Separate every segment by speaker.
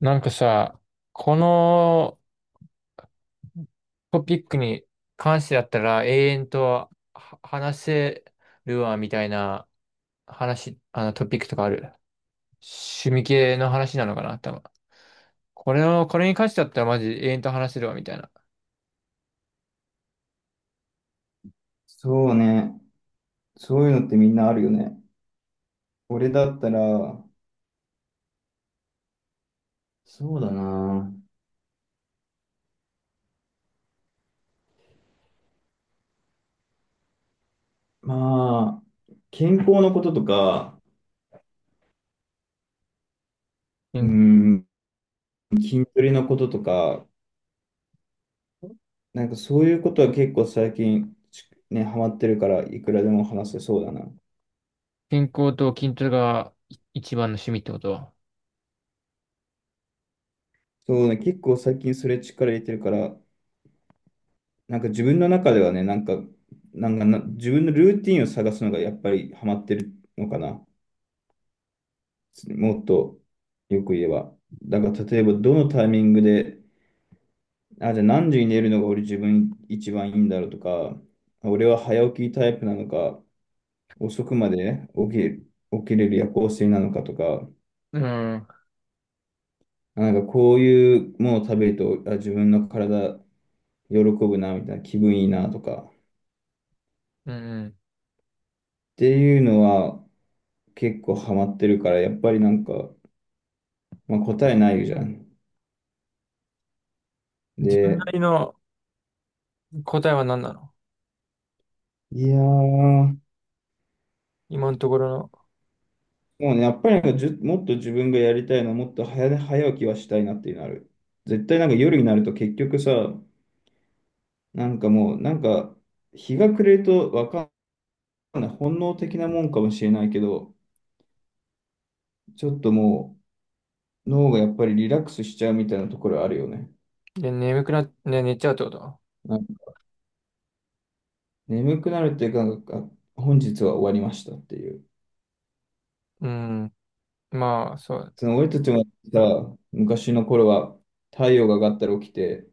Speaker 1: なんかさ、このトピックに関してだったら永遠とは話せるわみたいな話、トピックとかある。趣味系の話なのかな、多分。これに関してだったらマジ永遠と話せるわみたいな。
Speaker 2: そうね。そういうのってみんなあるよね。俺だったら、そうだな。まあ、健康のこととか、う
Speaker 1: 健
Speaker 2: ん、筋トレのこととか、なんかそういうことは結構最近、ね、ハマってるから、いくらでも話せそうだな。
Speaker 1: 健康と筋トレが一番の趣味ってこと？
Speaker 2: そうね、結構最近それ力入れてるから、なんか自分の中ではね、なんか、なんかな、自分のルーティンを探すのがやっぱりハマってるのかな。もっとよく言えば。だから例えばどのタイミングで、あ、じゃあ何時に寝るのが俺自分一番いいんだろうとか、俺は早起きタイプなのか、遅くまで起きれる夜行性なのかとか、
Speaker 1: うん。
Speaker 2: あなんかこういうものを食べると、あ、自分の体喜ぶな、みたいな気分いいなとか、っ
Speaker 1: うん。
Speaker 2: ていうのは結構ハマってるから、やっぱりなんか、まあ、答えないじゃん。
Speaker 1: 自分な
Speaker 2: で、
Speaker 1: りの答えは何なの
Speaker 2: いやー、も
Speaker 1: 今のところ？
Speaker 2: うね、やっぱりなんかもっと自分がやりたいのは、もっと早起きはしたいなっていうのある。絶対なんか夜になると結局さ、なんかもう、なんか、日が暮れるとわかんない、本能的なもんかもしれないけど、ちょっともう、脳がやっぱりリラックスしちゃうみたいなところあるよね。
Speaker 1: で眠くな、ね、寝ちゃうってこと？
Speaker 2: なんか眠くなるっていうか、なんか、あ本日は終わりましたっていう。
Speaker 1: うん。まあ、そう。
Speaker 2: その俺たちもさ、昔の頃は、太陽が上がったら起きて、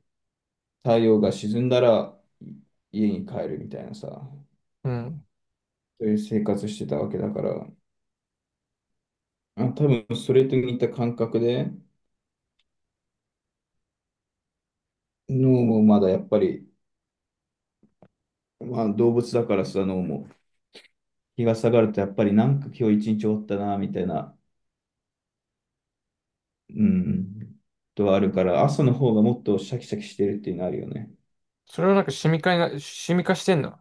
Speaker 2: 太陽が沈んだら家に帰るみたいなさ、
Speaker 1: うん。
Speaker 2: そういう生活してたわけだから、あ、多分それと似た感覚で、脳もまだやっぱり、まあ、動物だからさ、あの、もう日が下がるとやっぱりなんか今日一日終わったな、みたいな、うん、とはあるから、朝の方がもっとシャキシャキしてるっていうのあるよね。
Speaker 1: それは趣味化してんの？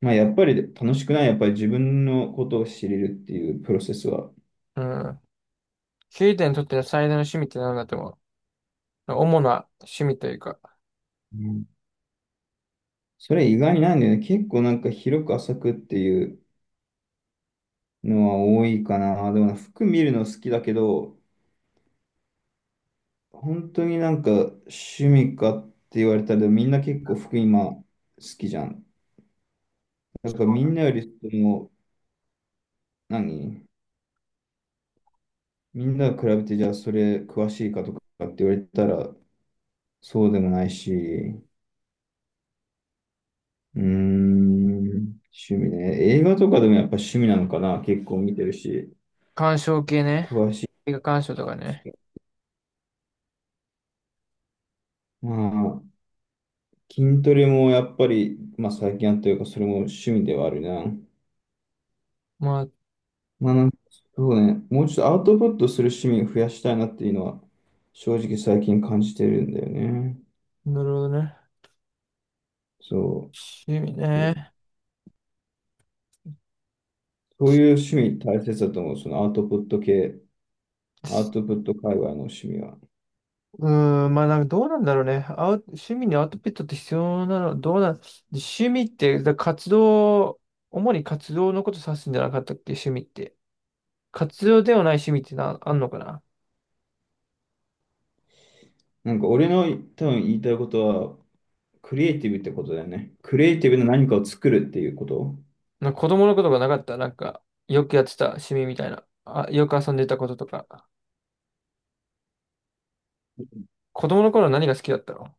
Speaker 2: まあ、やっぱり楽しくない、やっぱり自分のことを知れるっていうプロセスは。
Speaker 1: うん。ケイタにとっての最大の趣味って何だと思う？主な趣味というか、
Speaker 2: うんそれ意外にないんだよね。結構なんか広く浅くっていうのは多いかな。でも服見るの好きだけど、本当になんか趣味かって言われたら、みんな結構服今好きじゃん。だからみんなよりその、何みんなが比べて、じゃあそれ詳しいかとかって言われたら、そうでもないし、うーん、趣味ね。映画とかでもやっぱ趣味なのかな。結構見てるし、
Speaker 1: 鑑賞系ね。
Speaker 2: 詳しい
Speaker 1: 映画鑑賞とかね。
Speaker 2: し。まあ、筋トレもやっぱり、まあ最近あったというか、それも趣味ではあるな。
Speaker 1: まあ、
Speaker 2: まあなんか、そうね、もうちょっとアウトプットする趣味を増やしたいなっていうのは、正直最近感じてるんだよね。
Speaker 1: なるほどね。
Speaker 2: そ
Speaker 1: 趣味
Speaker 2: う。
Speaker 1: ね。
Speaker 2: そういう趣味大切だと思う。そのアウトプット系。アウトプット界隈の趣味は。
Speaker 1: うーん、まあどうなんだろうね。趣味にアウトプットって必要なの、どうなん、趣味って、活動、主に活動のこと指すんじゃなかったっけ、趣味って。活動ではない趣味ってあんのかな？
Speaker 2: なんか俺の多分言いたいことは、クリエイティブってことだよね。クリエイティブな何かを作るっていうこと。
Speaker 1: なんか子供のことがなかった。なんか、よくやってた趣味みたいな。あ、よく遊んでたこととか。子供の頃何が好きだったの？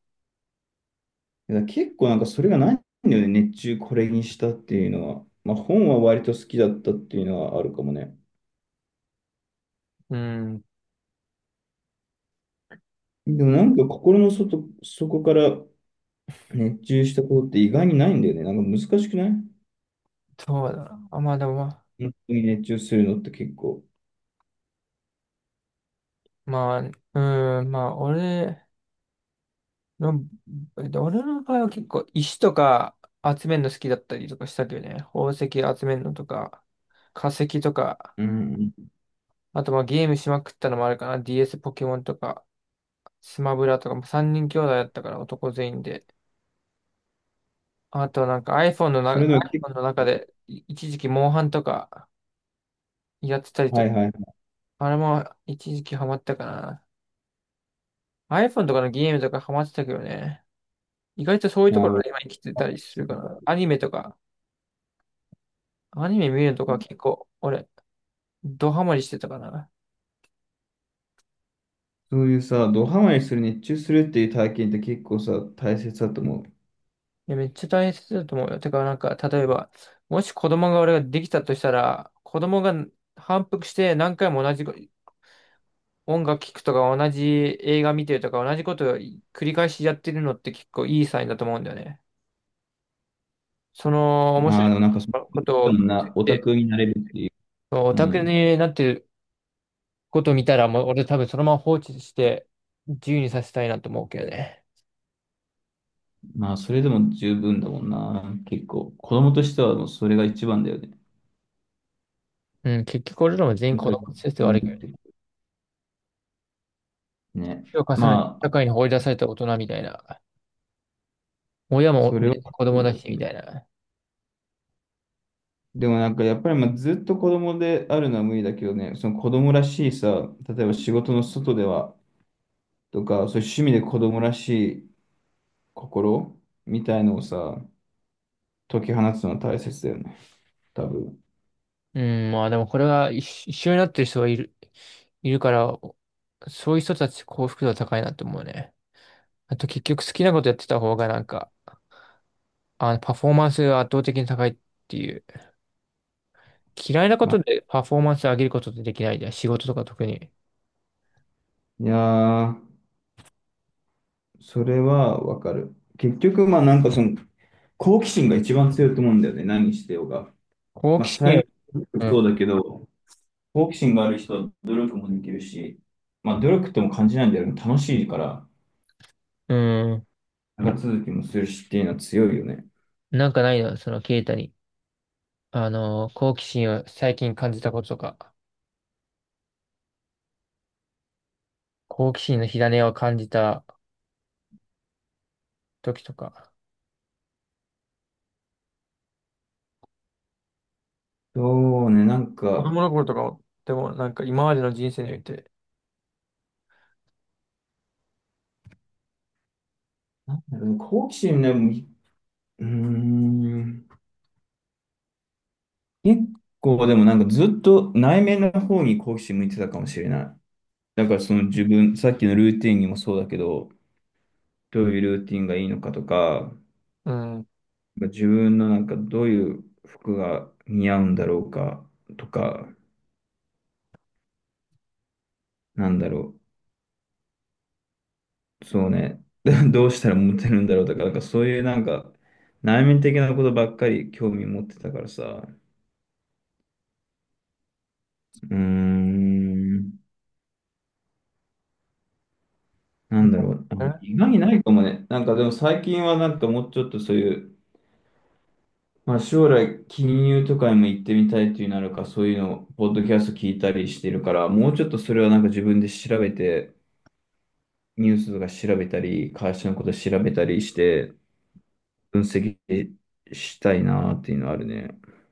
Speaker 2: だから結構なんかそれがないんだよね。熱中これにしたっていうのは。まあ本は割と好きだったっていうのはあるかもね。
Speaker 1: うーん、
Speaker 2: でもなんか心の外、そこから熱中したことって意外にないんだよね。なんか難しくない
Speaker 1: そうだな。あ、まあでもまあ、
Speaker 2: 本当に熱中するのって結構。
Speaker 1: まあ、うーん、の、俺の場合は結構石とか集めるの好きだったりとかしたけどね。宝石集めるのとか、化石とか、
Speaker 2: うん
Speaker 1: あとまあゲームしまくったのもあるかな。DS、 ポケモンとか、スマブラとか、3人兄弟だったから男全員で。あとiPhone の
Speaker 2: それでも結
Speaker 1: iPhone の中
Speaker 2: 構、
Speaker 1: で一時期モンハンとかやってたり
Speaker 2: は
Speaker 1: と
Speaker 2: い
Speaker 1: か、
Speaker 2: はいはい。
Speaker 1: あれも一時期ハマったかな。iPhone とかのゲームとかハマってたけどね。意外とそういうと
Speaker 2: な
Speaker 1: こ
Speaker 2: る
Speaker 1: ろが
Speaker 2: ほ
Speaker 1: 今生きてたりするから。ア
Speaker 2: ど。
Speaker 1: ニメとか、アニメ見るのとか結構俺、ドハマりしてたかな。
Speaker 2: そういうさ、ドハマりする、熱中するっていう体験って結構さ、大切だと思
Speaker 1: いや、めっちゃ大切だと思うよ。てか、なんか、例えば、もし子供が俺ができたとしたら、子供が反復して何回も同じ音楽聴くとか同じ映画見てるとか同じことを繰り返しやってるのって結構いいサインだと思うんだよね。その
Speaker 2: う。
Speaker 1: 面
Speaker 2: ああ、
Speaker 1: 白
Speaker 2: で
Speaker 1: い
Speaker 2: もなんかそ
Speaker 1: ことを分
Speaker 2: の
Speaker 1: 析
Speaker 2: な、
Speaker 1: し
Speaker 2: オタ
Speaker 1: て、
Speaker 2: クになれるっていう。
Speaker 1: オ
Speaker 2: う
Speaker 1: タク
Speaker 2: ん。
Speaker 1: になってることを見たらもう俺多分そのまま放置して自由にさせたいなと思うけどね。
Speaker 2: まあ、それでも十分だもんな。結構。子供としてはもうそれが一番だよね。
Speaker 1: うん、結局俺らも全
Speaker 2: な
Speaker 1: 員
Speaker 2: ん
Speaker 1: 子
Speaker 2: か、
Speaker 1: 供先生
Speaker 2: うん
Speaker 1: 悪
Speaker 2: っ
Speaker 1: いけ
Speaker 2: てね。
Speaker 1: ど、年を重ねて
Speaker 2: まあ、
Speaker 1: 社会に放り出された大人みたいな。親も
Speaker 2: それは
Speaker 1: ね子
Speaker 2: そ
Speaker 1: 供
Speaker 2: う
Speaker 1: だ
Speaker 2: だよ
Speaker 1: しみ
Speaker 2: ね。
Speaker 1: たいな。
Speaker 2: でもなんかやっぱりまあずっと子供であるのは無理だけどね、その子供らしいさ、例えば仕事の外ではとか、そういう趣味で子供らしい心みたいのをさ、解き放つのは大切だよね。多分。
Speaker 1: うん、まあでもこれが一緒になってる人がいる、いるから、そういう人たち幸福度は高いなって思うね。あと結局好きなことやってた方がなんか、あの、パフォーマンスが圧倒的に高いっていう。嫌いなこ
Speaker 2: まあ、
Speaker 1: とでパフォーマンス上げることってできないじゃん。仕事とか特に。
Speaker 2: いやー、それはわかる。結局、まあなんかその、好奇心が一番強いと思うんだよね、何してようが。
Speaker 1: 好
Speaker 2: まあ
Speaker 1: 奇心を、
Speaker 2: 才能も
Speaker 1: うん、
Speaker 2: そうだけど、好奇心がある人は努力もできるし、まあ努力とも感じないんだよね、楽しいから、
Speaker 1: うん、
Speaker 2: 長続きもするしっていうのは強いよね。
Speaker 1: なんかないの、そのケイタに。あの、好奇心を最近感じたこととか、好奇心の火種を感じた時とか。
Speaker 2: そうね、なん
Speaker 1: 子
Speaker 2: か、
Speaker 1: 供の頃とかでもなんか今までの人生において、
Speaker 2: なんだろうね、好奇心ね、もううーん、結構でもなんかずっと内面の方に好奇心向いてたかもしれない。だからその自分、さっきのルーティンにもそうだけど、どういうルーティンがいいのかとか、
Speaker 1: うん。
Speaker 2: 自分のなんかどういう服が似合うんだろうかとか、なんだろう、そうね、どうしたらモテるんだろうとか、なんかそういうなんか内面的なことばっかり興味持ってたからさ、うーん、な
Speaker 1: なん
Speaker 2: んだ
Speaker 1: か
Speaker 2: ろう、あ
Speaker 1: ね。
Speaker 2: 意外にないかもね。なんかでも最近はなんかもうちょっとそういう、まあ、将来、金融とかにも行ってみたいというなるか、そういうのを、ポッドキャスト聞いたりしてるから、もうちょっとそれはなんか自分で調べて、ニュースとか調べたり、会社のこと調べたりして、分析したいなっていうのはあるね。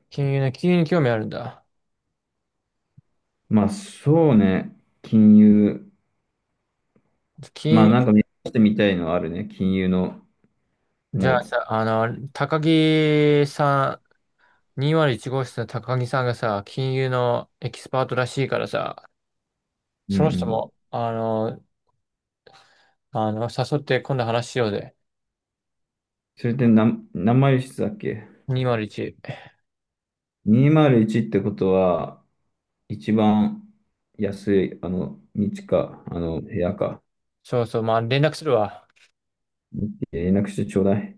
Speaker 1: 金融ね、金融に興味あるんだ。
Speaker 2: まあ、そうね、金融、ま
Speaker 1: 金、
Speaker 2: あ、なんか目指してみたいのはあるね、金融の、
Speaker 1: じ
Speaker 2: も
Speaker 1: ゃあ
Speaker 2: う、
Speaker 1: さ、あの、高木さ201号室の高木さんがさ、金融のエキスパートらしいからさ、
Speaker 2: うんう
Speaker 1: その人
Speaker 2: ん。
Speaker 1: も、あの、あの、誘って今度話しようぜ。
Speaker 2: それって何、何マイル室だっけ
Speaker 1: 201。
Speaker 2: ?201 ってことは、一番安い、あの、道か、あの、部屋か、
Speaker 1: そうそう、まあ連絡するわ。
Speaker 2: 連絡してちょうだい。